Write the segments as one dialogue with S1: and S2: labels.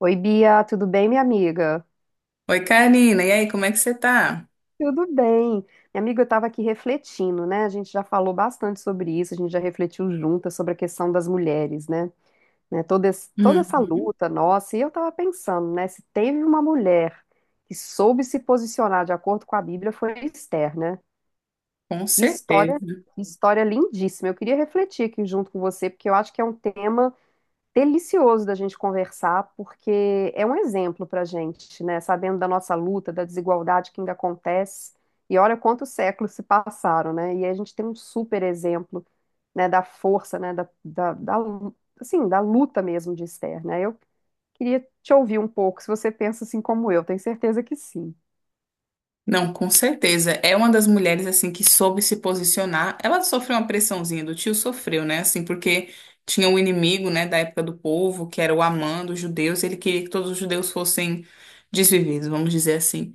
S1: Oi, Bia, tudo bem, minha amiga?
S2: Oi, Karina. E aí, como é que você tá?
S1: Tudo bem. Minha amiga, eu estava aqui refletindo, né? A gente já falou bastante sobre isso, a gente já refletiu juntas sobre a questão das mulheres, né? Né, Toda, toda essa
S2: Uhum,
S1: luta nossa, e eu estava pensando, né? Se teve uma mulher que soube se posicionar de acordo com a Bíblia, foi Esther, né?
S2: com
S1: Que
S2: certeza.
S1: história, que história lindíssima. Eu queria refletir aqui junto com você, porque eu acho que é um tema delicioso da gente conversar, porque é um exemplo para a gente, né? Sabendo da nossa luta, da desigualdade que ainda acontece. E olha quantos séculos se passaram, né? E a gente tem um super exemplo, né, da força, né, assim, da luta mesmo de Esther, né? Eu queria te ouvir um pouco, se você pensa assim como eu, tenho certeza que sim.
S2: Não, com certeza. É uma das mulheres assim que soube se posicionar. Ela sofreu uma pressãozinha do tio, sofreu, né? Assim, porque tinha um inimigo, né, da época do povo, que era o Amã dos judeus. Ele queria que todos os judeus fossem desvividos, vamos dizer assim.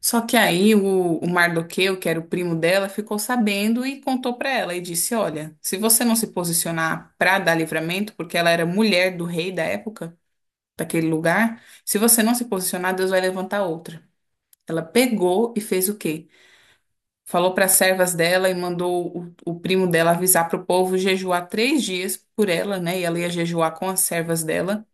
S2: Só que aí o Mardoqueu, que era o primo dela, ficou sabendo e contou pra ela e disse: "Olha, se você não se posicionar pra dar livramento, porque ela era mulher do rei da época, daquele lugar, se você não se posicionar, Deus vai levantar outra. Ela pegou e fez o quê? Falou para as servas dela e mandou o primo dela avisar para o povo jejuar três dias por ela, né? E ela ia jejuar com as servas dela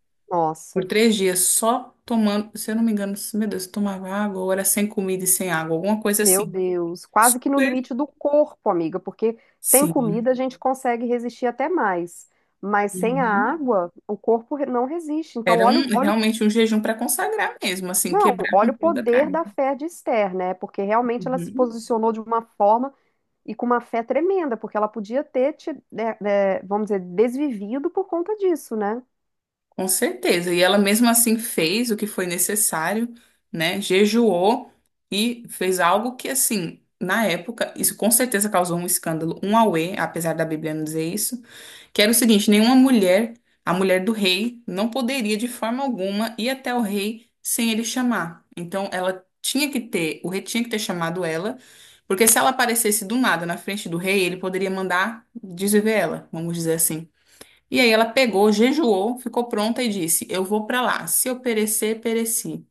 S2: por
S1: Nossa.
S2: três dias só tomando, se eu não me engano, meu Deus, tomava água, ou era sem comida e sem água, alguma coisa
S1: Meu
S2: assim.
S1: Deus, quase que no
S2: Super.
S1: limite do corpo, amiga, porque sem
S2: Sim.
S1: comida a gente consegue resistir até mais, mas sem a
S2: Uhum.
S1: água o corpo não resiste. Então,
S2: Era
S1: olha,
S2: um,
S1: olha,
S2: realmente um jejum para consagrar mesmo, assim,
S1: não,
S2: quebrar com
S1: olha o
S2: toda a
S1: poder
S2: carne.
S1: da fé de Esther, né? Porque realmente ela se
S2: Uhum.
S1: posicionou de uma forma e com uma fé tremenda, porque ela podia ter, vamos dizer, desvivido por conta disso, né?
S2: Com certeza. E ela mesmo assim fez o que foi necessário, né? Jejuou e fez algo que, assim, na época, isso com certeza causou um escândalo, um auê, apesar da Bíblia não dizer isso, que era o seguinte: nenhuma mulher, a mulher do rei, não poderia de forma alguma ir até o rei sem ele chamar. Então, ela tinha que ter, o rei tinha que ter chamado ela, porque se ela aparecesse do nada na frente do rei, ele poderia mandar desviver ela, vamos dizer assim. E aí ela pegou, jejuou, ficou pronta e disse: Eu vou pra lá. Se eu perecer, pereci.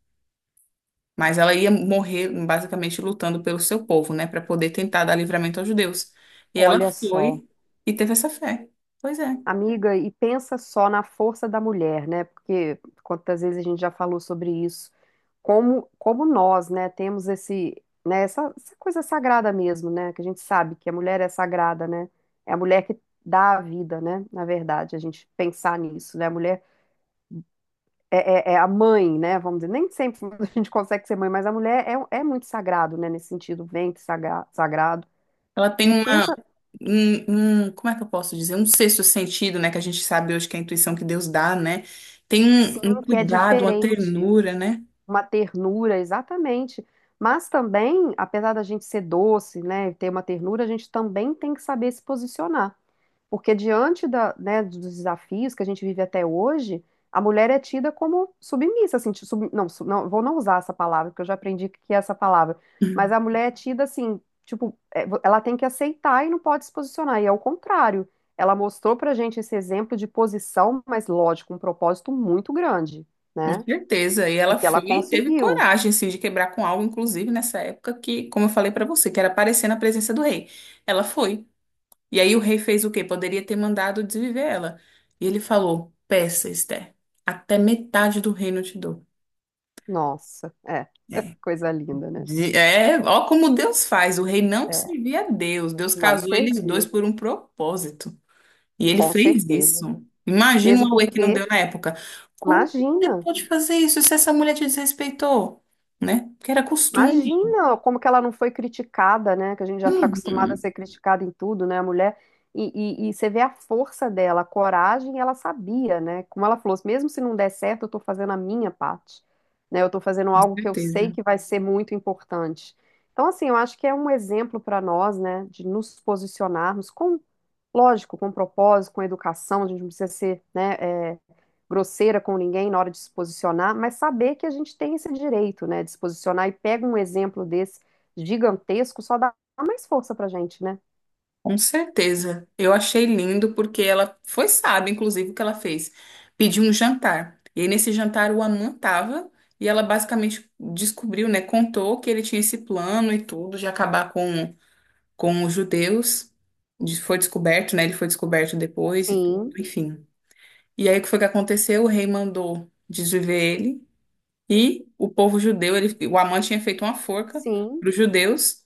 S2: Mas ela ia morrer basicamente lutando pelo seu povo, né, pra poder tentar dar livramento aos judeus. E ela
S1: Olha só.
S2: foi e teve essa fé. Pois é.
S1: Amiga, e pensa só na força da mulher, né? Porque quantas vezes a gente já falou sobre isso como, como nós, né, temos esse, né, essa coisa sagrada mesmo, né, que a gente sabe que a mulher é sagrada, né, é a mulher que dá a vida, né, na verdade, a gente pensar nisso, né, a mulher é a mãe, né, vamos dizer, nem sempre a gente consegue ser mãe, mas a mulher é muito sagrado, né, nesse sentido, ventre sagrado,
S2: Ela tem
S1: e pensa,
S2: como é que eu posso dizer? Um sexto sentido, né, que a gente sabe hoje que é a intuição que Deus dá, né? Tem
S1: sim,
S2: um
S1: que é
S2: cuidado, uma
S1: diferente,
S2: ternura, né?
S1: uma ternura, exatamente, mas também, apesar da gente ser doce, né, e ter uma ternura, a gente também tem que saber se posicionar. Porque diante da, né, dos desafios que a gente vive até hoje, a mulher é tida como submissa, assim, não, não, vou não usar essa palavra, porque eu já aprendi que é essa palavra, mas a mulher é tida assim, tipo, é, ela tem que aceitar e não pode se posicionar, e é o contrário. Ela mostrou pra gente esse exemplo de posição, mas lógico, um propósito muito grande,
S2: Com
S1: né?
S2: certeza. E
S1: E
S2: ela
S1: que
S2: foi
S1: ela
S2: e teve
S1: conseguiu.
S2: coragem, assim, de quebrar com algo, inclusive nessa época que, como eu falei pra você, que era aparecer na presença do rei. Ela foi. E aí o rei fez o quê? Poderia ter mandado desviver ela. E ele falou: Peça, Esther, até metade do reino eu te dou.
S1: Nossa, é,
S2: É.
S1: coisa linda, né?
S2: De- é, ó como Deus faz. O rei não
S1: É,
S2: servia a Deus. Deus
S1: não
S2: casou eles dois
S1: servia,
S2: por um propósito. E ele
S1: com
S2: fez
S1: certeza.
S2: isso. Imagina
S1: Mesmo
S2: o auê que não
S1: porque,
S2: deu na época. Como você
S1: imagina.
S2: pode fazer isso se essa mulher te desrespeitou? Né? Porque era costume.
S1: Imagina como que ela não foi criticada, né? Que a gente já está acostumada a
S2: Uhum,
S1: ser criticada em tudo, né? A mulher. E você vê a força dela, a coragem, ela sabia, né? Como ela falou, mesmo se não der certo, eu estou fazendo a minha parte, né? Eu estou fazendo
S2: com
S1: algo que eu sei
S2: certeza.
S1: que vai ser muito importante. Então, assim, eu acho que é um exemplo para nós, né? De nos posicionarmos com, lógico, com propósito, com educação, a gente não precisa ser, né, grosseira com ninguém na hora de se posicionar, mas saber que a gente tem esse direito, né, de se posicionar e pega um exemplo desse gigantesco, só dá mais força pra gente, né?
S2: Com certeza. Eu achei lindo porque ela foi sábia, inclusive, o que ela fez. Pediu um jantar. E aí, nesse jantar, o Aman tava e ela basicamente descobriu, né? Contou que ele tinha esse plano e tudo de acabar com os judeus. De- Foi descoberto, né? Ele foi descoberto depois e tudo,
S1: Sim,
S2: enfim. E aí, o que foi que aconteceu? O rei mandou desviver ele e o povo judeu, ele, o Amã tinha feito uma forca
S1: sim.
S2: para os judeus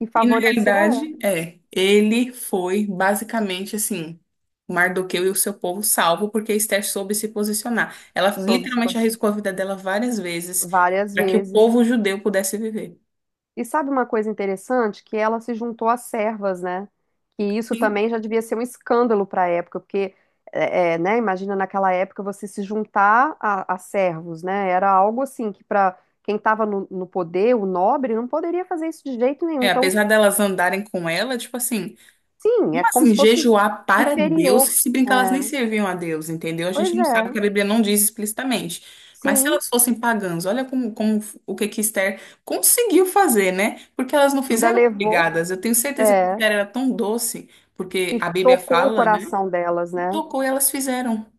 S1: E
S2: e, na
S1: favoreceu ela,
S2: realidade, é, ele foi basicamente assim, Mardoqueu e o seu povo salvo, porque Esther soube se posicionar. Ela
S1: soube se
S2: literalmente
S1: posicionar
S2: arriscou a vida dela várias vezes
S1: várias
S2: para que o
S1: vezes.
S2: povo judeu pudesse viver.
S1: E sabe uma coisa interessante? Que ela se juntou às servas, né? Que isso
S2: Sim.
S1: também já devia ser um escândalo para a época, porque, né? Imagina naquela época você se juntar a servos, né? Era algo assim que para quem estava no poder, o nobre, não poderia fazer isso de jeito nenhum.
S2: É,
S1: Então,
S2: apesar delas andarem com ela, tipo assim,
S1: sim, é como
S2: assim,
S1: se fosse
S2: jejuar para Deus, que
S1: inferior.
S2: se
S1: É,
S2: brincar, elas nem serviam a Deus, entendeu? A gente
S1: pois
S2: não
S1: é,
S2: sabe que a Bíblia não diz explicitamente. Mas se
S1: sim,
S2: elas fossem pagãs, olha como, como o que que Esther conseguiu fazer, né? Porque elas não
S1: ainda
S2: fizeram
S1: levou,
S2: obrigadas. Eu tenho certeza que
S1: é,
S2: Esther era tão doce, porque
S1: e
S2: a Bíblia
S1: tocou o
S2: fala, né?
S1: coração delas,
S2: E
S1: né?
S2: tocou e elas fizeram.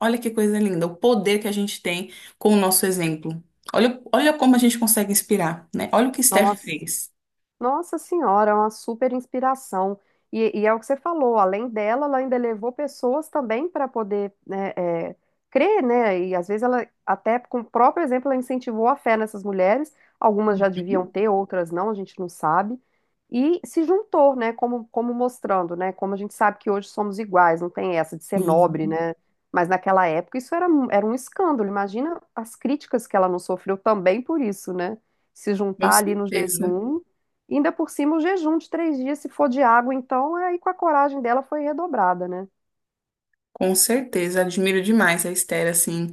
S2: Olha que coisa linda, o poder que a gente tem com o nosso exemplo. Olha, olha como a gente consegue inspirar, né? Olha o que Esther
S1: Nossa.
S2: fez.
S1: Nossa Senhora, é uma super inspiração. E é o que você falou, além dela, ela ainda levou pessoas também para poder né, é, crer, né? E às vezes ela, até com o próprio exemplo, ela incentivou a fé nessas mulheres. Algumas já deviam
S2: Uhum.
S1: ter, outras não, a gente não sabe. E se juntou, né? Como, como mostrando, né? Como a gente sabe que hoje somos iguais, não tem essa de ser nobre,
S2: Sim,
S1: né? Mas naquela época isso era, era um escândalo. Imagina as críticas que ela não sofreu também por isso, né? Se
S2: com
S1: juntar ali no
S2: certeza.
S1: jejum. E ainda por cima, o jejum de 3 dias, se for de água, então, aí com a coragem dela foi redobrada, né?
S2: Com certeza, admiro demais a Esther, assim.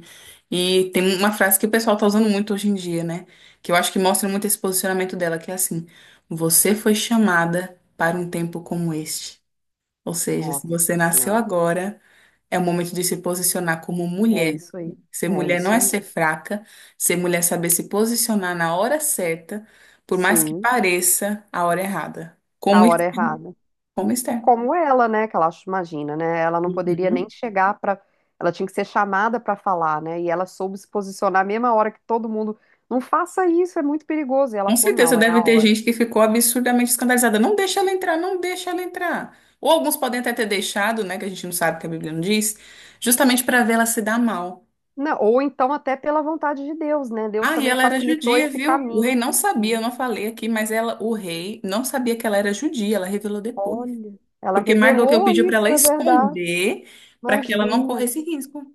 S2: E tem uma frase que o pessoal tá usando muito hoje em dia, né? Que eu acho que mostra muito esse posicionamento dela, que é assim: você foi chamada para um tempo como este. Ou seja, se você
S1: Nossa
S2: nasceu
S1: Senhora.
S2: agora, é o momento de se posicionar como
S1: É
S2: mulher.
S1: isso aí.
S2: Ser
S1: É
S2: mulher não
S1: isso
S2: é
S1: aí.
S2: ser fraca, ser mulher é saber se posicionar na hora certa, por mais que
S1: Sim,
S2: pareça a hora errada.
S1: a
S2: Como
S1: hora
S2: Esther.
S1: errada.
S2: Como Esther.
S1: Como ela, né? Que ela imagina, né? Ela não poderia nem chegar para. Ela tinha que ser chamada para falar, né? E ela soube se posicionar a mesma hora que todo mundo. Não faça isso, é muito perigoso. E ela
S2: Com
S1: falou:
S2: certeza
S1: não, é a
S2: deve ter
S1: hora.
S2: gente que ficou absurdamente escandalizada. Não deixa ela entrar, não deixa ela entrar. Ou alguns podem até ter deixado, né, que a gente não sabe que a Bíblia não diz, justamente para ver ela se dar mal.
S1: Não, ou então, até pela vontade de Deus, né? Deus
S2: Ah, e
S1: também
S2: ela era
S1: facilitou
S2: judia,
S1: esse
S2: viu? O rei
S1: caminho.
S2: não sabia, eu não falei aqui, mas ela, o rei não sabia que ela era judia, ela revelou depois.
S1: Olha, ela
S2: Porque Mardoqueu
S1: revelou
S2: pediu para ela
S1: isso, é verdade.
S2: esconder, para que ela não
S1: Imagina.
S2: corresse risco.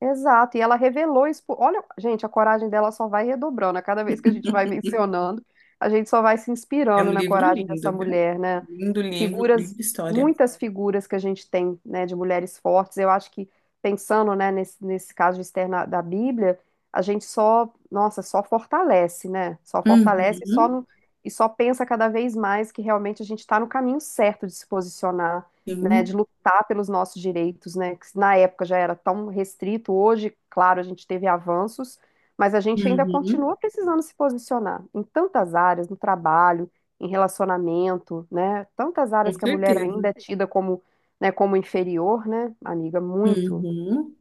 S1: Exato. E ela revelou isso. Olha, gente, a coragem dela só vai redobrando. A cada vez que a gente vai mencionando, a gente só vai se
S2: É um
S1: inspirando na
S2: livro
S1: coragem
S2: lindo,
S1: dessa
S2: viu?
S1: mulher, né?
S2: Lindo livro, livro
S1: Figuras,
S2: de história.
S1: muitas figuras que a gente tem, né, de mulheres fortes. Eu acho que, pensando, né, nesse caso externo da Bíblia, a gente só, nossa, só fortalece, né? Só fortalece e só,
S2: Uhum,
S1: e só pensa cada vez mais que realmente a gente está no caminho certo de se posicionar né, de
S2: sim,
S1: lutar pelos nossos direitos, né, que na época já era tão restrito, hoje, claro, a gente teve avanços, mas a gente ainda
S2: uhum,
S1: continua precisando se posicionar em tantas áreas, no trabalho, em relacionamento, né, tantas áreas
S2: com
S1: que a mulher ainda
S2: certeza.
S1: é tida como, né, como inferior, né, amiga, muito.
S2: Uhum.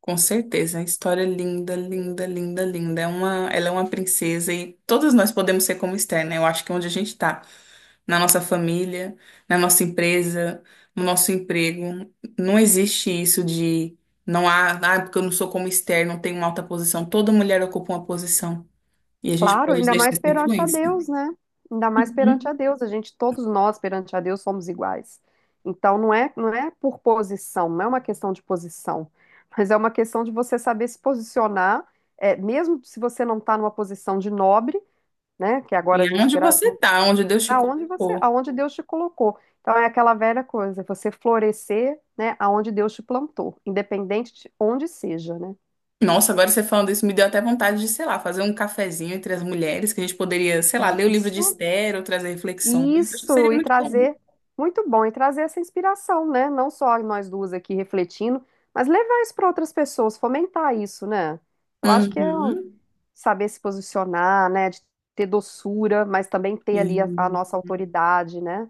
S2: Com certeza, a história é linda, linda, linda, linda. É uma, ela é uma princesa e todos nós podemos ser como Esther, né? Eu acho que é onde a gente está, na nossa família, na nossa empresa, no nosso emprego, não existe isso de não há, ah, porque eu não sou como Esther, não tenho uma alta posição. Toda mulher ocupa uma posição e a gente
S1: Claro,
S2: pode
S1: ainda
S2: deixar
S1: mais
S2: essa
S1: perante a
S2: influência.
S1: Deus, né? Ainda mais perante
S2: Uhum.
S1: a Deus. A gente, todos nós perante a Deus somos iguais. Então não é, não é por posição, não é uma questão de posição, mas é uma questão de você saber se posicionar, é, mesmo se você não está numa posição de nobre, né? Que
S2: E
S1: agora a
S2: é
S1: gente
S2: onde
S1: grava
S2: você está, onde Deus te
S1: aonde você,
S2: colocou.
S1: aonde Deus te colocou. Então é aquela velha coisa, você florescer, né? Aonde Deus te plantou, independente de onde seja, né?
S2: Nossa, agora você falando isso me deu até vontade de, sei lá, fazer um cafezinho entre as mulheres, que a gente poderia, sei lá, ler o livro de
S1: Isso.
S2: Esther ou trazer reflexões. Acho que
S1: Isso,
S2: seria
S1: e
S2: muito bom.
S1: trazer, muito bom, e trazer essa inspiração, né? Não só nós duas aqui refletindo, mas levar isso para outras pessoas, fomentar isso, né? Eu acho que é um
S2: Uhum.
S1: saber se posicionar, né? De ter doçura, mas também ter ali a
S2: Sim,
S1: nossa autoridade, né?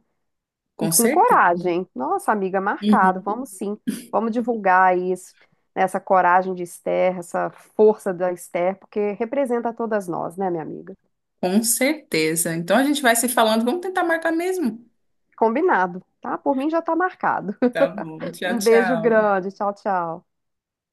S1: E
S2: com
S1: com
S2: certeza.
S1: coragem. Nossa, amiga, marcado,
S2: Uhum.
S1: vamos sim, vamos divulgar isso, né? Essa coragem de Esther, essa força da Esther, porque representa todas nós, né, minha amiga?
S2: Com certeza. Então a gente vai se falando, vamos tentar marcar mesmo.
S1: Combinado, tá? Por mim já tá marcado.
S2: Tá bom, tchau,
S1: Um beijo
S2: tchau.
S1: grande. Tchau, tchau.